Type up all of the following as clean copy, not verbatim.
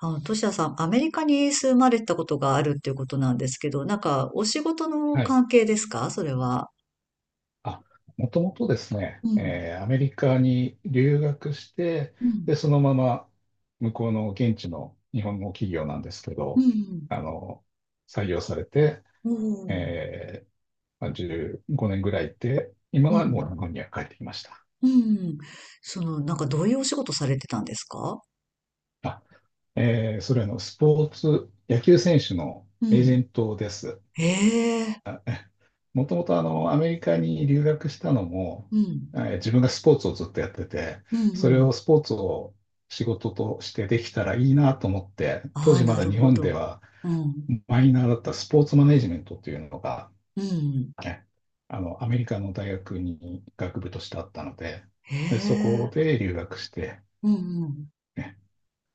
トシヤさん、アメリカに住まれたことがあるっていうことなんですけど、お仕事のはい。関係ですかそれは？あ、もともとですね、うん、アメリカに留学して、うで、ん、そのまま向こうの現地の日本の企業なんですけうど、ん、あの、採用されて、おー、えーまあ15年ぐらいいて、今うはん、もう日本には帰ってきました。うん。どういうお仕事されてたんですか？あ、それはスポーツ、野球選手のエージェうントです。ん。ええ、もともとアメリカに留学したのも、うん、自分がスポーツをずっとやってて、うん、そうれん。をスポーツを仕事としてできたらいいなと思って、当ああ、時まなだる日ほ本でど。はうん、マイナーだったスポーツマネジメントというのが、うん。ね、アメリカの大学に学部としてあったので、へで、そえ、こで留学して、うん、うん。ね、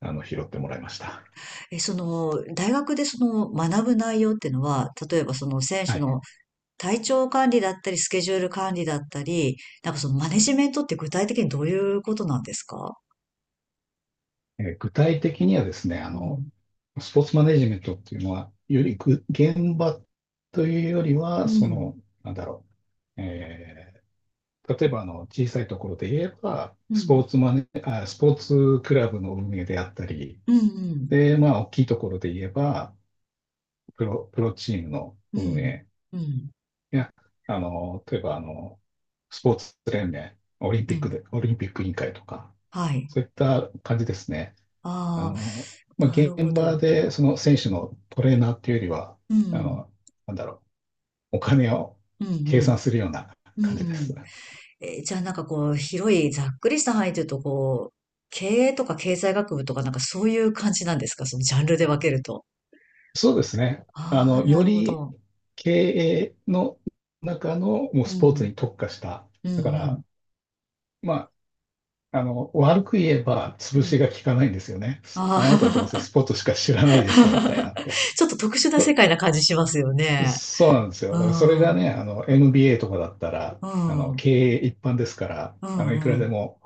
拾ってもらいました。え、その、大学でその学ぶ内容っていうのは、例えばその選は手い。の体調管理だったり、スケジュール管理だったり、そのマネジメントって具体的にどういうことなんですか？具体的にはですね、うん。スポーツマネジメントっていうのは、より現場というよりうは、ん。なんだろう、例えば小さいところで言えば、うん。スポーツクラブの運営であったり、うん。うん。で、まあ、大きいところで言えば、プロチームのう運ん。営うん。や、例えばスポーツ連盟、うん、オリンピック委員会とか、はい。そういった感じですね。ああの、あ、まあ、な現るほ場ど。でその選手のトレーナーっていうよりは、うあん。の、なんだろう、お金をう計算ん。するようなうん。感じでうん。す。えー、じゃあ広い、ざっくりした範囲というと、こう、経営とか経済学部とかそういう感じなんですかそのジャンルで分けると？そうですね。ああ、なよるほりど。経営の中のもううスポーツん。に特化した。うん。だかうん。ら、まあ、悪く言えばう潰しん。が効かないんですよね。ああなたはどうせスあ。 ポーツしか知らないでしょ、みたいなん て。ちょっと特殊な世界な感じしますよね。そうなんですよ。うだからそれがん。うね、ん。MBA とかだったら、経営一般ですから、ういくんらうでん。も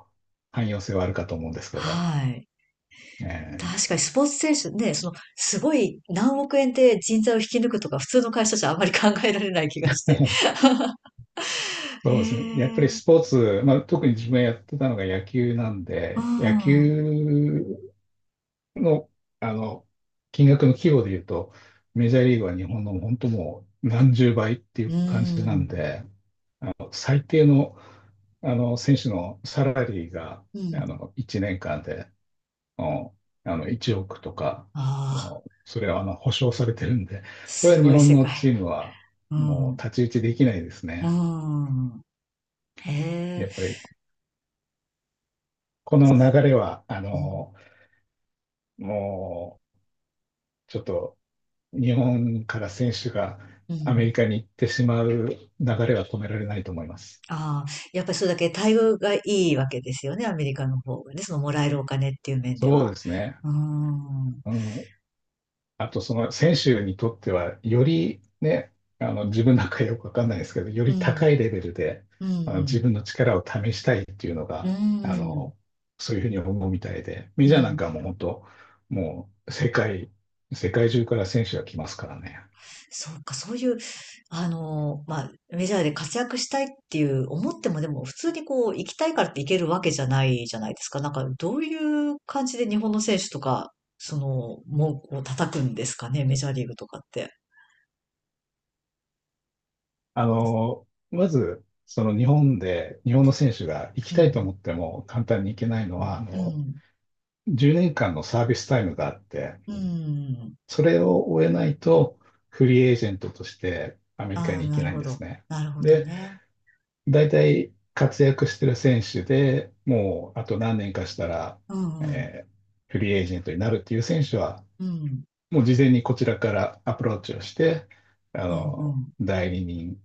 汎用性はあるかと思うんですけど、はい。え確かえ。にスポーツ選手ね、その、すごい何億円で人材を引き抜くとか、普通の会社じゃあまり考えられない気がして。へそうですね。やっぱりえ。スポーツ、まあ、特に自分がやってたのが野球なんうで、野ん。う球の、あの、金額の規模で言うと、メジャーリーグは日本の本当もう何十倍っていう感じなんん。で、最低の、選手のサラリーがうん。1年間で、うん、1億とか、ああ、それは保証されてるんで、それすは日ごい本世のチ界。ームはうもうん。太刀打ちできないですうね。ん。へやえ。っぱりこの流れは、うん。もうちょっと日本から選手がうアメん。リカに行ってしまう流れは止められないと思います。ああ、やっぱりそれだけ待遇がいいわけですよね、アメリカの方がね、そのもらえるお金っていう面でそは。うですね。うーん、うん、あと、その選手にとっては、よりね、自分なんかよくわかんないですけど、ようり高ん、いレベルでう自ん、分の力を試したいっていうのうが、ん、そういうふうに思うみたいで、メうジャーなんん。かも本当、もう世界中から選手が来ますからね。そうか、そういう、メジャーで活躍したいっていう思っても、でも普通にこう、行きたいからって行けるわけじゃないじゃないですか。どういう感じで日本の選手とか、その、もう、こう叩くんですかね、メジャーリーグとかって？まず、日本の選手が行きうたいとん、思っても簡単に行けないのは、うん、10年間のサービスタイムがあって、うん。それを終えないと、フリーエージェントとしてアメリカああ、に行なけるないんほでど。すね。なるほどで、ね。大体活躍してる選手でもうあと何年かしたら、うんうん。えーフリーエージェントになるっていう選手は、うん。もう事前にこちらからアプローチをして、あうんうの、ん。代理人に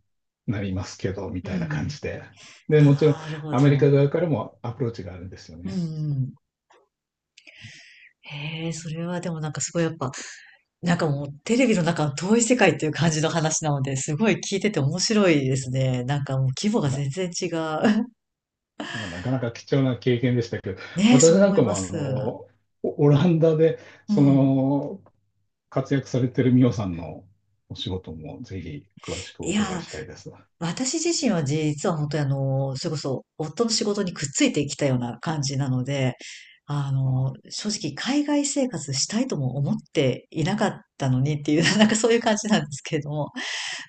なりますけど、みうたいな感ん。じで。で、もちろんなるほアメリど。カ側からもアプローチがあるんですようね。ん。へえ、それはでもなんかすごいやっぱ、もうテレビの中の遠い世界っていう感じの話なので、すごい聞いてて面白いですね。もう規模が全然違う。まあ、なかなか貴重な経験でしたけど、ねえ、私そうなん思いかまもす。オオランダで、うそん。の、活躍されてるミオさんのお仕事もぜひ詳しくおいや伺いー、したいです。私自身は実は本当にそれこそ夫の仕事にくっついてきたような感じなので、あ、正直海外生活したいとも思っていなかったのにっていう、そういう感じなんですけれども、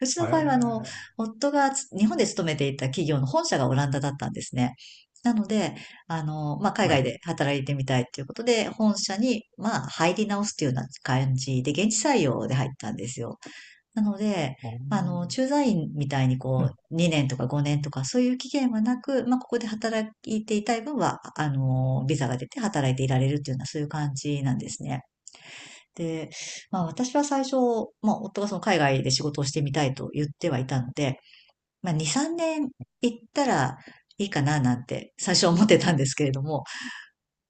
うちえの場合はー、夫が日本で勤めていた企業の本社がオランダだったんですね。なので、海は外い。で働いてみたいということで、本社に、まあ、入り直すというような感じで、現地採用で入ったんですよ。なので、駐在員みたいにうこん。う、2年とか5年とかそういう期限はなく、まあ、ここで働いていたい分は、ビザが出て働いていられるっていうのはそういう感じなんですね。で、まあ、私は最初、まあ、夫がその海外で仕事をしてみたいと言ってはいたので、まあ、2、3年行ったらいいかななんて最初は思ってたんですけれども、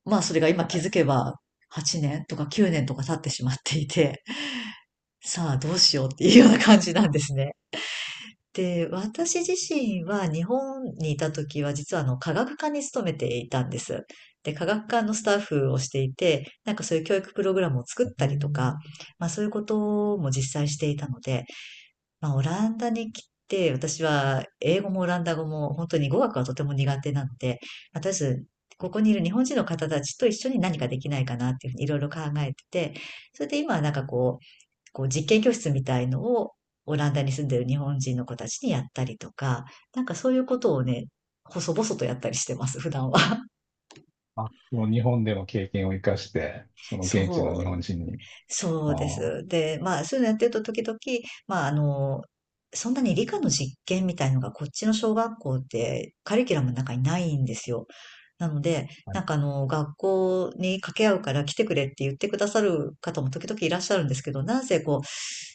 まあ、それが今は気い。づけば、8年とか9年とか経ってしまっていて、さあどうしようっていうような感じなんですね。で、私自身は日本にいた時は実は科学科に勤めていたんです。で、科学科のスタッフをしていて、そういう教育プログラムを作うったりとか、ん。まあそういうことも実際していたので、まあ、オランダに来て、私は英語もオランダ語も本当に語学はとても苦手なので、まあとりあえず、ここにいる日本人の方たちと一緒に何かできないかなっていうふうにいろいろ考えてて、それで今はなんかこう、こう実験教室みたいのをオランダに住んでる日本人の子たちにやったりとか、そういうことをね、細々とやったりしてます、普段は。その日本での経験を生かして、その現地のそ日う、本人に。そあうであ、す。で、まあ、そういうのやってると時々、まあ、あの、そんなに理科の実験みたいのがこっちの小学校ってカリキュラムの中にないんですよ。なので、はい。学校に掛け合うから来てくれって言ってくださる方も時々いらっしゃるんですけど、なんせこう、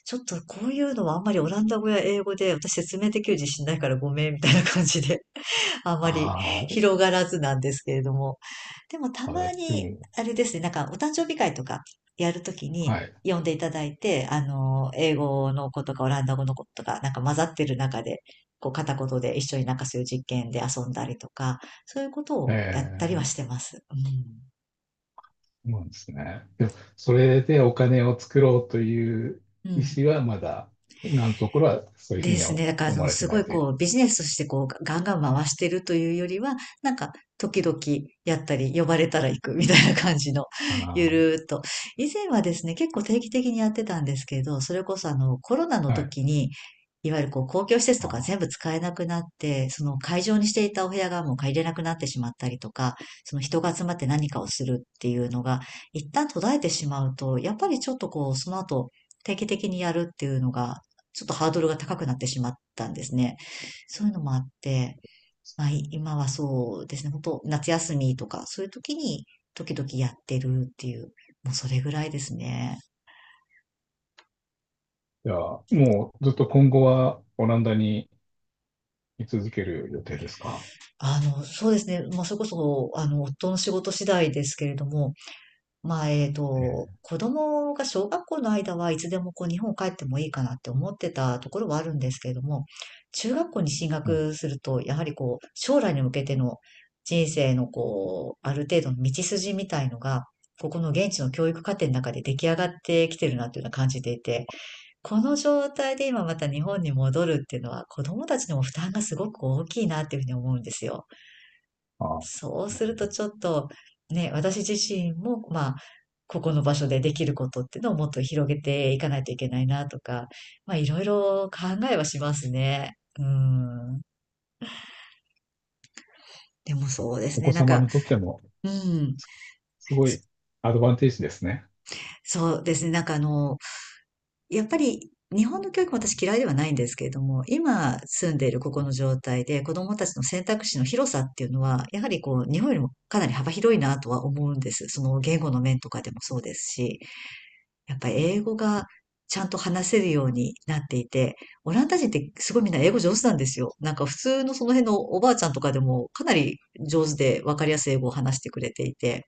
ちょっとこういうのはあんまりオランダ語や英語で私説明できる自信ないからごめんみたいな感じで、あまりあ広がらずなんですけれども。でもたあ、あまれでに、も、あれですね、お誕生日会とかやるときはにい。呼んでいただいて、あの、英語の子とかオランダ語の子とか、混ざってる中で、こう片言で一緒にそういう実験で遊んだりとか、そういうことをやったりはええ、してます。うん。そうなんですね。でも、それでお金を作ろうというう意ん。思はまだ、今のところはそういうふでうにすはね。だから、あ思の、われてすごないいという。こう、ビジネスとしてこう、ガンガン回してるというよりは、なんか、時々やったり、呼ばれたら行くみたいな感じの、ゆあるーっと。以前はですね、結構定期的にやってたんですけど、それこそあの、コロナのあ、は時い。に、いわゆるこう、公共施設とあか全あ、部使えなくなって、その会場にしていたお部屋がもう借りれなくなってしまったりとか、その人が集まって何かをするっていうのが、一旦途絶えてしまうと、やっぱりちょっとこう、その後、定期的にやるっていうのがちょっとハードルが高くなってしまったんですね。そういうのもあって、まあ、今はそうですね、本当夏休みとか、そういう時に時々やってるっていう、もうそれぐらいですね。じゃあ、もうずっと今後はオランダに居続ける予定ですか？あの、そうですね、まあ、それこそ、あの、夫の仕事次第ですけれども、まあ、えっえと、え、子供が小学校の間はいつでもこう日本帰ってもいいかなって思ってたところはあるんですけれども、中学校に進はい。学すると、やはりこう、将来に向けての人生のこう、ある程度の道筋みたいのが、ここの現地の教育課程の中で出来上がってきてるなというのは感じていて、この状態で今また日本に戻るっていうのは子供たちにも負担がすごく大きいなっていうふうに思うんですよ。ああ、なそうするるとほど。ちょっとね、私自身も、まあ、ここの場所でできることっていうのをもっと広げていかないといけないなとか、まあいろいろ考えはしますね。うん。でもそうですおね。子なん様か、にとってもうん、すごいアドバンテージですね。そうですね。やっぱり日本の教育も私嫌いではないんですけれども、今住んでいるここの状態で子供たちの選択肢の広さっていうのは、やはりこう、日本よりもかなり幅広いなとは思うんです。その言語の面とかでもそうですし。やっぱ英語がちゃんと話せるようになっていて、オランダ人ってすごいみんな英語上手なんですよ。普通のその辺のおばあちゃんとかでもかなり上手でわかりやすい英語を話してくれていて、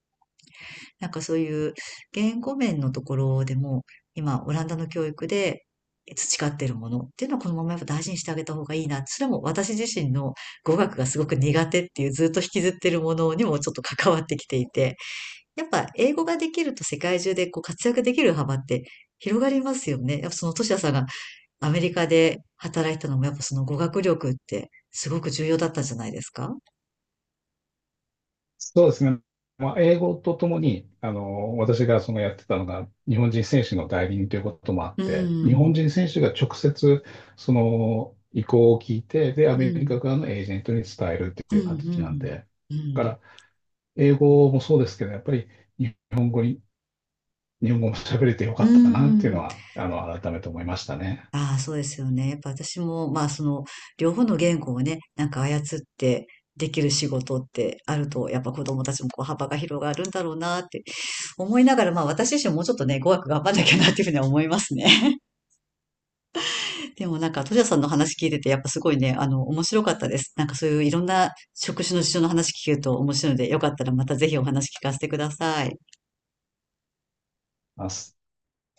そういう言語面のところでも今オランダの教育で培ってるものっていうのはこのままやっぱ大事にしてあげた方がいいな。それも私自身の語学がすごく苦手っていうずっと引きずってるものにもちょっと関わってきていて、やっぱ英語ができると世界中でこう活躍できる幅って広がりますよね。やっぱそのトシヤさんがアメリカで働いたのもやっぱその語学力ってすごく重要だったんじゃないですか？そうですね。まあ、英語とともに、私がそのやってたのが、日本人選手の代理人ということもあっうて、日本ん、人選手が直接、その意向を聞いて、で、アうん、メうリカん、側のエージェントに伝えるっうていう形なんで、ん、だうかん。ら、英語もそうですけど、やっぱり日本語に、日本語も喋れてようかったなっていうのん。は、改めて思いましたね。ああ、そうですよね。やっぱ私も、まあその、両方の言語をね、操ってできる仕事ってあると、やっぱ子供たちもこう幅が広がるんだろうなって思いながら、まあ私自身もうちょっとね、語学頑張んなきゃなっていうふうには思いますね。でもなんか、トジャさんの話聞いてて、やっぱすごいね、あの、面白かったです。そういういろんな職種の事情の話聞けると面白いので、よかったらまたぜひお話聞かせてください。ます